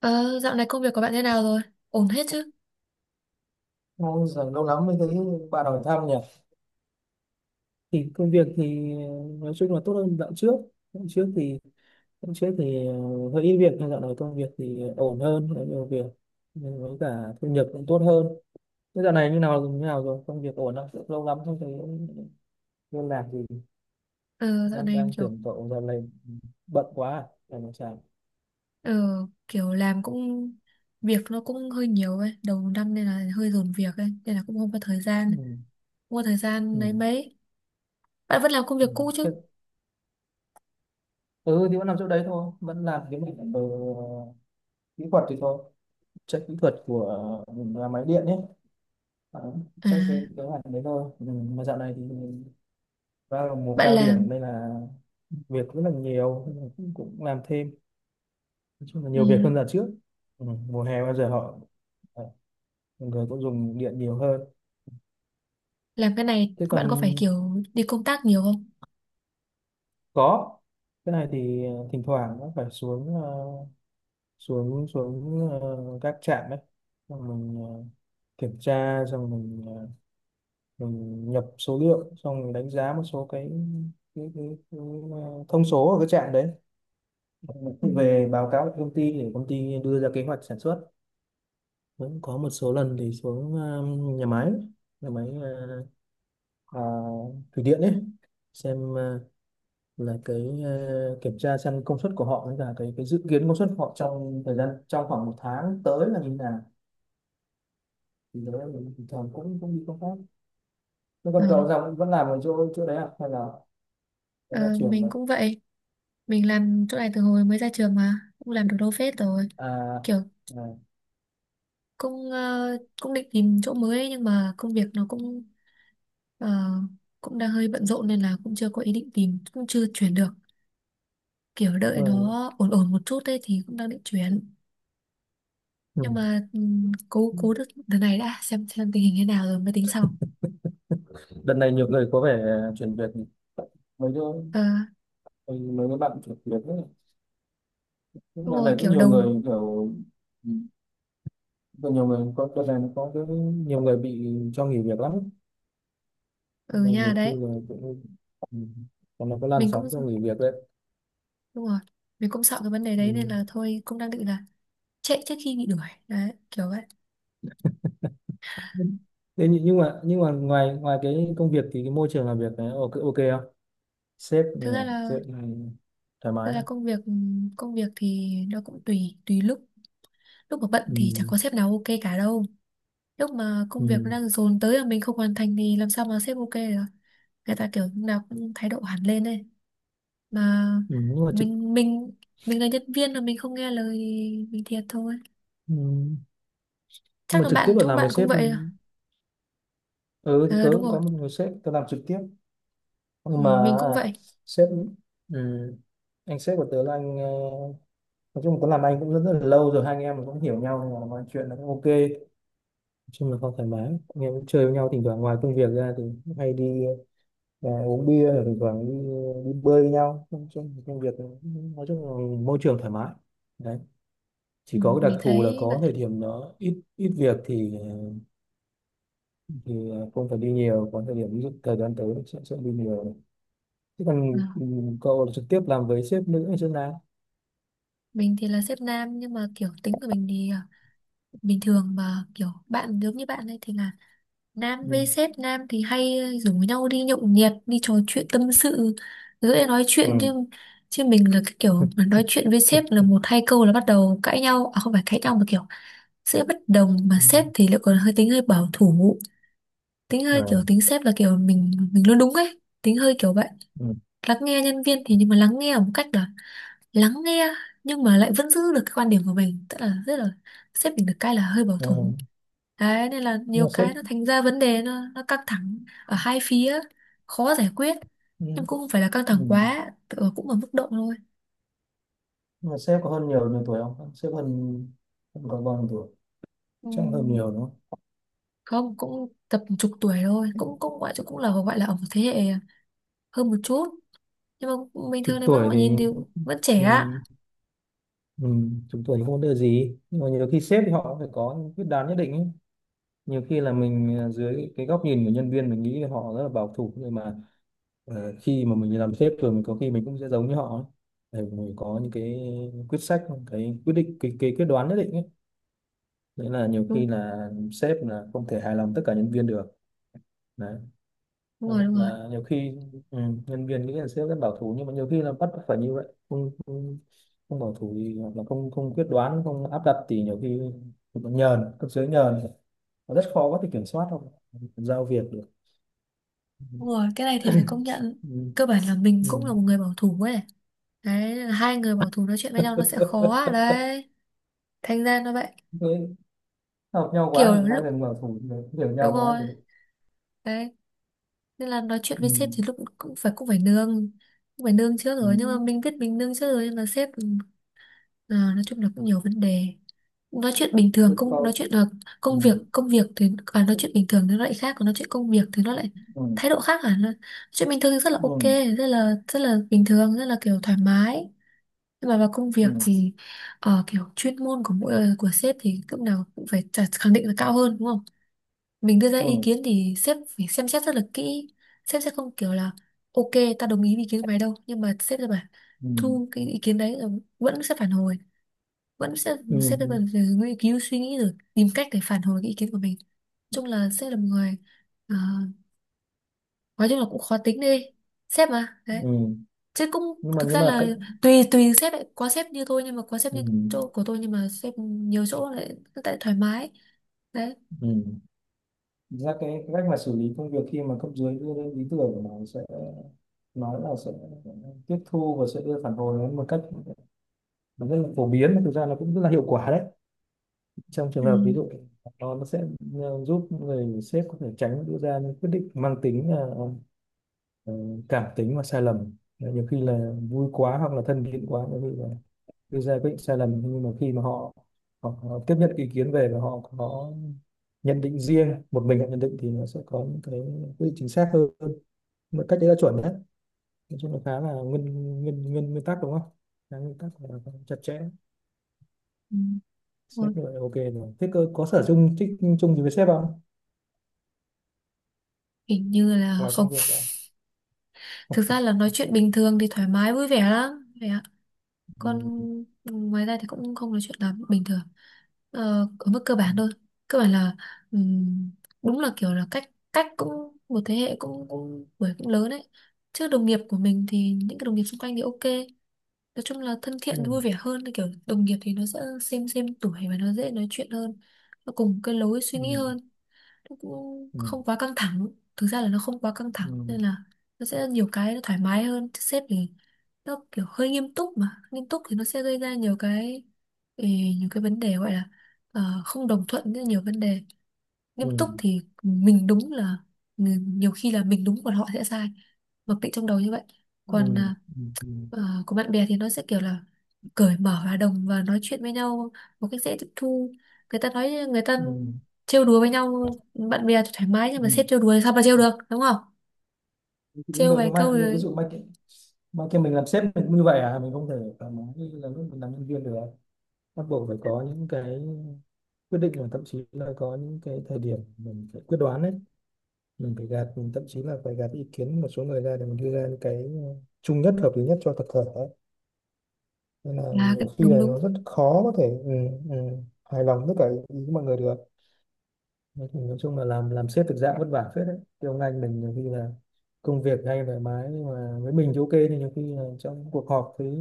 Ờ, dạo này công việc của bạn thế nào rồi? Ổn hết chứ? Ôi giời, lâu lắm mới thấy bạn hỏi thăm nhỉ. Thì công việc thì nói chung là tốt hơn dạo trước. Dạo trước thì dạo trước thì hơi ít việc, nhưng dạo này công việc thì ổn hơn, có nhiều việc. Nhưng với cả thu nhập cũng tốt hơn. Thế dạo này như nào rồi? Công việc ổn không? Lâu lắm không thấy liên lạc gì. Ờ, dạo Đang này em đang kiểu tưởng cậu dạo này bận quá à? Phải làm sao? ờ, kiểu làm cũng việc nó cũng hơi nhiều ấy, đầu năm nên là hơi dồn việc ấy, nên là cũng không có Ừ. không có thời Ừ. gian lấy mấy. Bạn vẫn làm công Ừ. việc cũ Thế, chứ? ừ thì vẫn làm chỗ đấy thôi, vẫn làm cái mảng ở kỹ thuật thì thôi. Check kỹ thuật của nhà máy điện nhé. Ờ, À, chắc cái kế hoạch đấy thôi, ừ, mà dạo này thì vào mùa bạn cao làm điểm nên là việc rất là nhiều, nên là cũng làm thêm, nói chung là ừ, nhiều việc hơn là trước. Ừ, mùa hè bao giờ họ ờ, người cũng dùng điện nhiều hơn. làm cái này Thế còn bạn có phải kiểu đi công tác nhiều không? có cái này thì thỉnh thoảng nó phải xuống xuống xuống các trạm đấy, xong mình kiểm tra, xong mình mình nhập số liệu, xong mình đánh giá một số cái thông số ở cái trạm đấy, Ừ. về báo cáo cho công ty để công ty đưa ra kế hoạch sản xuất. Cũng có một số lần thì xuống nhà máy à, thủy điện ấy, xem là cái kiểm tra xem công suất của họ, với cả cái dự kiến công suất của họ trong thời gian trong khoảng một tháng tới là như thế nào, thì đấy là mình bình thường cũng cũng đi công tác. Thế Ờ. còn cậu ra vẫn làm ở chỗ chỗ đấy à, hay là đấy là Ờ, chuyển mình rồi? cũng vậy, mình làm chỗ này từ hồi mới ra trường mà cũng làm được đâu phết rồi, À, kiểu à. cũng cũng định tìm chỗ mới ấy, nhưng mà công việc nó cũng ờ, cũng đang hơi bận rộn nên là cũng chưa có ý định tìm, cũng chưa chuyển được, kiểu Ừ. đợi nó ổn ổn một chút ấy thì cũng đang định chuyển, Ừ. nhưng mà cố cố được đợt này đã, xem tình hình thế nào rồi mới tính sau. Đợt này nhiều người có vẻ chuyển việc mấy chỗ. Ờ, Ừ, mấy cái bạn thực hiện ấy. Những đúng đợt rồi này cũng kiểu nhiều đầu người kiểu có nhiều người có đợt này nó có cái nhiều người bị cho nghỉ việc lắm. ừ Mà nha nhiều khi đấy, là cũng, ừ, còn nó có làn mình cũng sóng cho nghỉ việc đấy. đúng rồi, mình cũng sợ cái vấn đề đấy nên Ừ. là thôi cũng đang định là chạy trước khi bị đuổi đấy, kiểu vậy. Thế nhưng mà ngoài ngoài cái công việc thì cái môi trường làm việc này ok ok không? Sếp như Thực ra nào? là, Sếp thoải thực mái ra không? Công việc thì nó cũng tùy tùy lúc, lúc mà bận thì chẳng Ừ. có sếp nào ok cả đâu. Lúc mà Ừ. công việc nó đang dồn tới mà mình không hoàn thành thì làm sao mà sếp ok được. Người ta kiểu lúc nào cũng thái độ hẳn lên đây, mà Ừ. nhưng mà trực mình mình mình là nhân viên mà mình không nghe lời thì mình thiệt thôi. Ừ. Nhưng Chắc mà là trực tiếp bạn là chỗ làm bạn với cũng sếp, vậy à? ừ, thì Ờ tớ đúng cũng rồi. có một người sếp tớ làm trực tiếp, Ừ, nhưng mà mình à, cũng vậy. sếp ừ, anh sếp của tớ là anh nói chung tớ làm anh cũng rất, rất là lâu rồi, hai anh em cũng hiểu nhau nên là mọi chuyện là cũng ok, nói chung là không thoải mái, anh em cũng chơi với nhau, thỉnh thoảng ngoài công việc ra thì cũng hay đi uống bia, rồi thỉnh thoảng đi bơi với nhau. Nói chung là công việc, nói chung là môi trường thoải mái đấy, chỉ Ừ, có cái mình đặc thù là thấy có vậy. thời điểm nó ít ít việc thì không phải đi nhiều, có thời điểm ví dụ thời gian tới sẽ đi nhiều. Thế Ừ. còn cậu trực tiếp làm với sếp nữ hay sếp nam? Mình thì là sếp nam, nhưng mà kiểu tính của mình thì bình thường mà kiểu bạn giống như bạn ấy thì là nam Ừ. với sếp nam thì hay rủ nhau đi nhậu nhẹt, đi trò chuyện tâm sự, dễ nói chuyện Ừ. chứ. Chứ mình là cái kiểu mà nói chuyện với sếp Ừ. là một hai câu là bắt đầu cãi nhau, à không phải cãi nhau mà kiểu sẽ bất đồng. Mà sếp thì lại còn hơi tính hơi bảo thủ, tính Ừ. hơi kiểu tính sếp là kiểu mình luôn đúng ấy, tính hơi kiểu vậy. Ừ. Lắng nghe nhân viên thì, nhưng mà lắng nghe một cách là lắng nghe, nhưng mà lại vẫn giữ được cái quan điểm của mình, tức là rất là sếp mình được cái là hơi bảo thủ. Ừ. Đấy, nên là Nhưng mà nhiều sếp. cái nó thành ra vấn đề, nó căng thẳng ở hai phía, khó giải quyết. Ừ. Nhưng cũng không phải là căng Ừ. thẳng quá, cũng ở mức độ thôi. Nhưng mà sếp có hơn nhiều nhiều tuổi không? Sếp hơn hơn có bao nhiêu tuổi? Chắc hơn nhiều Ừm, đúng không? Không, cũng tầm chục tuổi thôi, cũng cũng gọi cũng là gọi là ở một thế hệ hơn một chút. Nhưng mà bình Chục thường thì vẫn tuổi gọi thì. nhìn thì vẫn trẻ Ừ. ạ. Ừ. Chục tuổi thì không có đưa gì, nhưng mà nhiều khi sếp thì họ phải có những quyết đoán nhất định ấy. Nhiều khi là mình dưới cái góc nhìn của nhân viên mình nghĩ là họ rất là bảo thủ, nhưng mà khi mà mình làm sếp rồi mình có khi mình cũng sẽ giống như họ ấy. Để mình có những cái quyết sách, cái quyết định, cái quyết đoán nhất định ấy. Đấy là nhiều khi Đúng, là sếp là không thể hài lòng tất cả nhân viên được, đấy đúng rồi, đúng rồi. là nhiều khi, ừ, nhân viên nghĩ là sếp rất bảo thủ, nhưng mà nhiều khi là bắt phải như vậy. Không, không, không bảo thủ thì, hoặc là không không quyết đoán không áp đặt thì nhiều khi còn nhờn, cấp dưới nhờn, nó rất khó có thể kiểm soát, không giao việc được. Đúng rồi, cái này thì phải công nhận. Ừ. Cơ bản là mình Ừ. cũng là một người bảo thủ ấy. Đấy, hai người bảo thủ nói chuyện với nhau nó sẽ khó đấy. Thành ra nó vậy. Thế học nhau Kiểu quá thì hai lúc, lần bảo thủ thì hiểu nhau đúng quá rồi rồi. đấy, nên là nói chuyện Ừ. với sếp thì lúc cũng phải nương trước Ừ. rồi, nhưng mà mình biết mình nương trước rồi, nhưng mà sếp nói chung là cũng nhiều vấn đề. Nói chuyện bình thường Tôi công nói coi. chuyện là Ừ. công việc, công việc thì nói chuyện bình thường thì nó lại khác, còn nói chuyện công việc thì nó lại Ừ. thái độ khác hẳn. Nói chuyện bình thường thì rất là ok, Ừ. rất là bình thường, rất là kiểu thoải mái, nhưng mà vào công Ừ. việc Ừ. thì kiểu chuyên môn của mỗi của sếp thì lúc nào cũng phải khẳng định là cao hơn đúng không. Mình đưa ra ý Ừ. kiến thì sếp phải xem xét rất là kỹ, sếp sẽ không kiểu là ok ta đồng ý với ý kiến của mày đâu, nhưng mà sếp sẽ bảo Ừ. thu cái ý kiến đấy rồi vẫn sẽ phản hồi, vẫn sẽ Ừ, sếp sẽ ừ, vẫn phải nghiên cứu suy nghĩ rồi tìm cách để phản hồi cái ý kiến của mình. Chung là sếp là một người ờ, nói chung là cũng khó tính đi, sếp mà đấy, ừ. chứ cũng nhưng mà thực nhưng ra mà là cái, tùy tùy sếp ấy. Có sếp như tôi, nhưng mà có sếp ừ, như chỗ của tôi, nhưng mà sếp nhiều chỗ lại tại thoải mái đấy. ừ. Thực ra cái cách mà xử lý công việc khi mà cấp dưới đưa lên ý tưởng của nó sẽ nói là sẽ tiếp thu và sẽ đưa phản hồi đến một cách, nó rất là phổ biến, mà thực ra nó cũng rất là hiệu quả đấy, trong trường Ừ. hợp ví dụ nó sẽ giúp người sếp có thể tránh đưa ra những quyết định mang tính ờ, cảm tính và sai lầm, nhiều khi là vui quá hoặc là thân thiện quá đưa ra quyết định sai lầm, nhưng mà khi mà họ tiếp nhận cái ý kiến về và họ có nhận định riêng, một mình họ nhận định thì nó sẽ có những cái quyết định chính xác hơn một cách, đấy là chuẩn đấy, nói chung là khá là nguyên nguyên nguyên nguyên tắc đúng không? Khá nguyên tắc là chặt chẽ, Ừ. Thôi, sếp như vậy là ok rồi. Thế cơ có sở chung thích chung gì với sếp không, hình như là ngoài không. công việc ra? Thực ra là nói chuyện bình thường thì thoải mái vui vẻ lắm vậy ạ, còn Ừ. ngoài ra thì cũng không nói chuyện lắm bình thường, ờ, ở mức cơ bản thôi. Cơ bản là ừm, đúng là kiểu là cách cách cũng một thế hệ, cũng cũng bởi cũng lớn đấy. Chứ đồng nghiệp của mình thì những cái đồng nghiệp xung quanh thì ok, nói chung là thân Ừ. thiện vui vẻ hơn, thì kiểu đồng nghiệp thì nó sẽ xem tuổi và nó dễ nói chuyện hơn, nó cùng cái lối suy Ừ. nghĩ hơn, nó cũng Ừ. không quá căng thẳng. Thực ra là nó không quá căng thẳng nên là nó sẽ nhiều cái nó thoải mái hơn, chứ sếp thì nó kiểu hơi nghiêm túc, mà nghiêm túc thì nó sẽ gây ra nhiều cái, ừ, nhiều cái vấn đề, gọi là không đồng thuận với nhiều vấn đề. Nghiêm Ừ. Ừ. túc thì mình đúng là nhiều khi là mình đúng còn họ sẽ sai, mặc định trong đầu như vậy. Còn Ừ. Ừ. ờ, của bạn bè thì nó sẽ kiểu là cởi mở và đồng và nói chuyện với nhau một cách dễ tiếp thu, người ta nói, người ta Ừ. Ừ. trêu đùa với nhau, bạn bè thì thoải mái, nhưng mà Ừ. sếp trêu đùa thì sao mà trêu được đúng không. Đúng Trêu rồi, vài nhưng câu mà như ví rồi dụ mai kia mình làm sếp mình cũng như vậy à? Mình không thể thoải mái như là lúc mình làm nhân viên được à? Bắt buộc phải có những cái quyết định và thậm chí là có những cái thời điểm mình phải quyết đoán đấy, mình phải gạt, mình thậm chí là phải gạt ý kiến một số người ra để mình đưa ra những cái ờ, chung nhất, hợp lý nhất cho tập thể ấy. Nên là nhiều khi đúng là đúng, nó rất khó có thể, ừ, ừ, hài lòng tất cả ý của mọi người được. Nói thì nói chung là làm sếp thực dạng vất vả phết đấy. Thì ông anh mình nhiều khi là công việc hay thoải mái, nhưng mà với mình thì ok, nhưng nhiều khi là trong cuộc họp với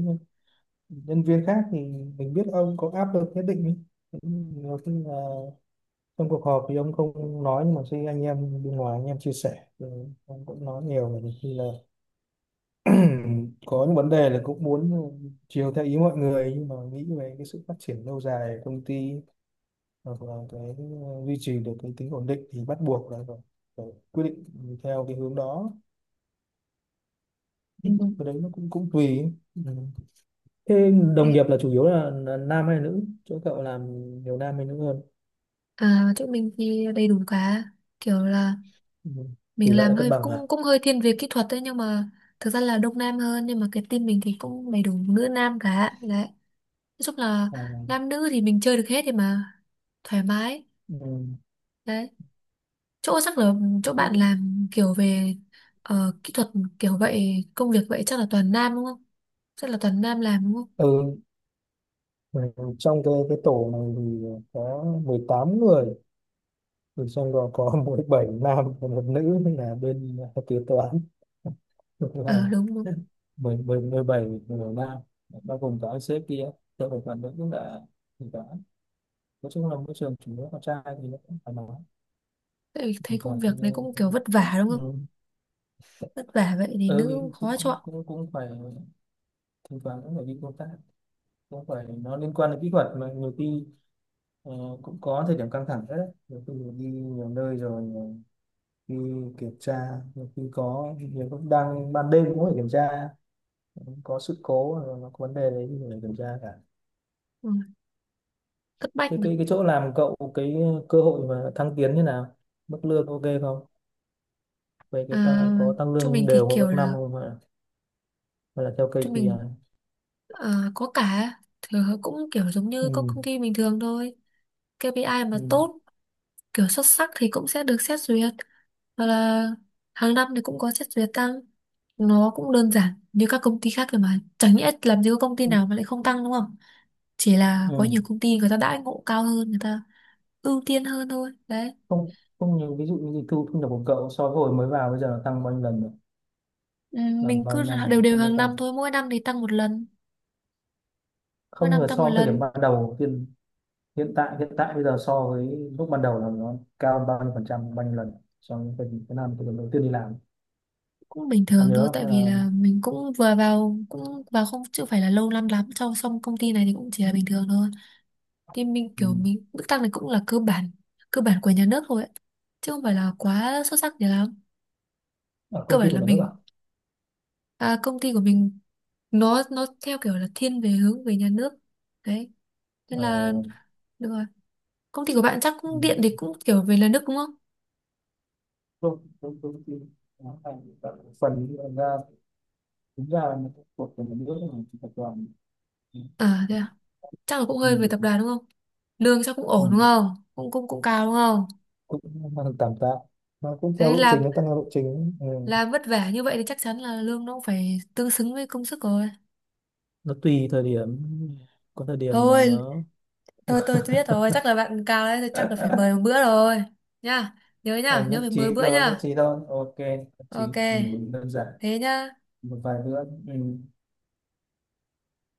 nhân viên khác thì mình biết ông có áp lực nhất định ý. Nhiều khi là trong cuộc họp thì ông không nói, nhưng mà khi anh em bên ngoài, anh em chia sẻ thì ông cũng nói nhiều, mà nhiều khi là có những vấn đề là cũng muốn chiều theo ý mọi người, nhưng mà nghĩ về cái sự phát triển lâu dài của công ty hoặc là cái duy trì được cái tính ổn định thì bắt buộc là phải quyết định theo cái hướng đó. đúng, đúng. Cái đấy nó cũng cũng tùy. Ừ. Thế đồng Okay. nghiệp là chủ yếu là nam hay nữ? Chỗ cậu làm nhiều nam hay nữ hơn? À, chỗ mình thì đầy đủ cả, kiểu là Ừ. Tỷ mình lệ làm là cân hơi bằng à? cũng cũng hơi thiên về kỹ thuật đấy, nhưng mà thực ra là đông nam hơn, nhưng mà cái team mình thì cũng đầy đủ nữ nam cả đấy, nói chung là À. nam nữ thì mình chơi được hết thì mà thoải mái Ừ. đấy. Chỗ chắc là chỗ Thế, bạn làm kiểu về kỹ thuật kiểu vậy, công việc vậy chắc là toàn nam đúng không, chắc là toàn nam làm đúng không. ừ, ừ, trong cái tổ này thì có 18 người, rồi trong đó có mỗi bảy nam và một nữ là bên kế toán. Ngược À lại, đúng đúng, mười mười mười bảy người nam, bao gồm cả ông sếp kia. Tôi phải phản ứng là thì đó, nói chung là môi trường chủ yếu con trai thì nó cũng phải nói tại vì thấy thỉnh công thoảng việc thì, này cũng kiểu vất vả đúng không, ừ, vất vả vậy thì ừ nữ thì khó cũng, chọn. cũng cũng phải, thỉnh thoảng cũng phải đi công tác, cũng phải nó liên quan đến kỹ thuật mà nhiều khi ờ, cũng có thời điểm căng thẳng rất đấy, nhiều khi mình đi nhiều nơi rồi khi kiểm tra, khi có nhiều lúc đang ban đêm cũng phải kiểm tra, có sự cố rồi nó có vấn đề đấy thì phải kiểm tra cả. Ừ, thất bách Thế mà. Cái chỗ làm cậu, cái cơ hội mà thăng tiến như nào, mức lương ok không, về cái tăng À, có tăng chỗ lương mình thì đều của kiểu các năm là, không, hay là, hay là theo chỗ KPI? mình ờ, có cả, thì cũng kiểu giống như các Ừ. công ty bình thường thôi. KPI mà Ừ. tốt kiểu xuất sắc thì cũng sẽ được xét duyệt, hoặc là hàng năm thì cũng có xét duyệt tăng. Nó cũng đơn giản như các công ty khác thôi, mà chẳng nhẽ làm gì có công ty Ừ. nào mà lại không tăng đúng không. Chỉ là có Ừ. nhiều công ty người ta đãi ngộ cao hơn, người ta ưu tiên hơn thôi đấy. Không không, như ví dụ như thu thu nhập của cậu so với hồi mới vào bây giờ nó tăng bao nhiêu lần rồi, Ừ, làm mình bao cứ nhiêu năm đều rồi, đều tăng hàng tăng năm thôi, mỗi năm thì tăng một lần, mỗi không, năm là tăng so một với thời điểm lần. ban đầu tiên, hiện tại bây giờ so với lúc ban đầu là nó cao hơn bao nhiêu phần trăm, bao nhiêu lần, so với cái năm, cái lần đầu tiên đi làm? Cũng bình Ông thường nhớ thôi không, tại hay vì là? là mình cũng vừa vào, cũng vào không chưa phải là lâu năm lắm trong xong công ty này thì cũng chỉ là bình thường thôi. Thì mình Ừ, kiểu mình mức tăng này cũng là cơ bản của nhà nước thôi ấy. Chứ không phải là quá xuất sắc gì lắm. ở Cơ công ty bản của là nhà nước ạ? À. mình, công ty của mình nó theo kiểu là thiên về hướng về nhà nước đấy, nên Ờ. là được rồi. Công ty của bạn chắc Ừ, cũng điện thì cũng kiểu về nhà nước đúng không. công công công ty nó thành các phần ra, đúng ra là một của nhà nước mà tập đoàn. Ừ. À thế à, chắc là cũng Ừ. hơi về tập đoàn đúng không. Lương chắc cũng ổn đúng Ừ, không, cũng cũng cũng cao đúng không. cũng mang được tạm tạ, nó cũng theo Đấy, lộ làm trình, nó tăng theo lộ trình ấy. Ừ. làm vất vả như vậy thì chắc chắn là lương nó cũng phải tương xứng với công sức rồi. Nó tùy thời điểm, có thời điểm mà Thôi, nó tôi biết rồi, chắc là bạn cao đấy, chắc là phải mời một bữa rồi nha. Nhớ À, nha, nhớ nhất phải mời trí bữa thôi, nhất nha. trí thôi. Ok, nhất Ok trí. Ừ, đơn giản. thế nhá. Một vài bữa. Ừ.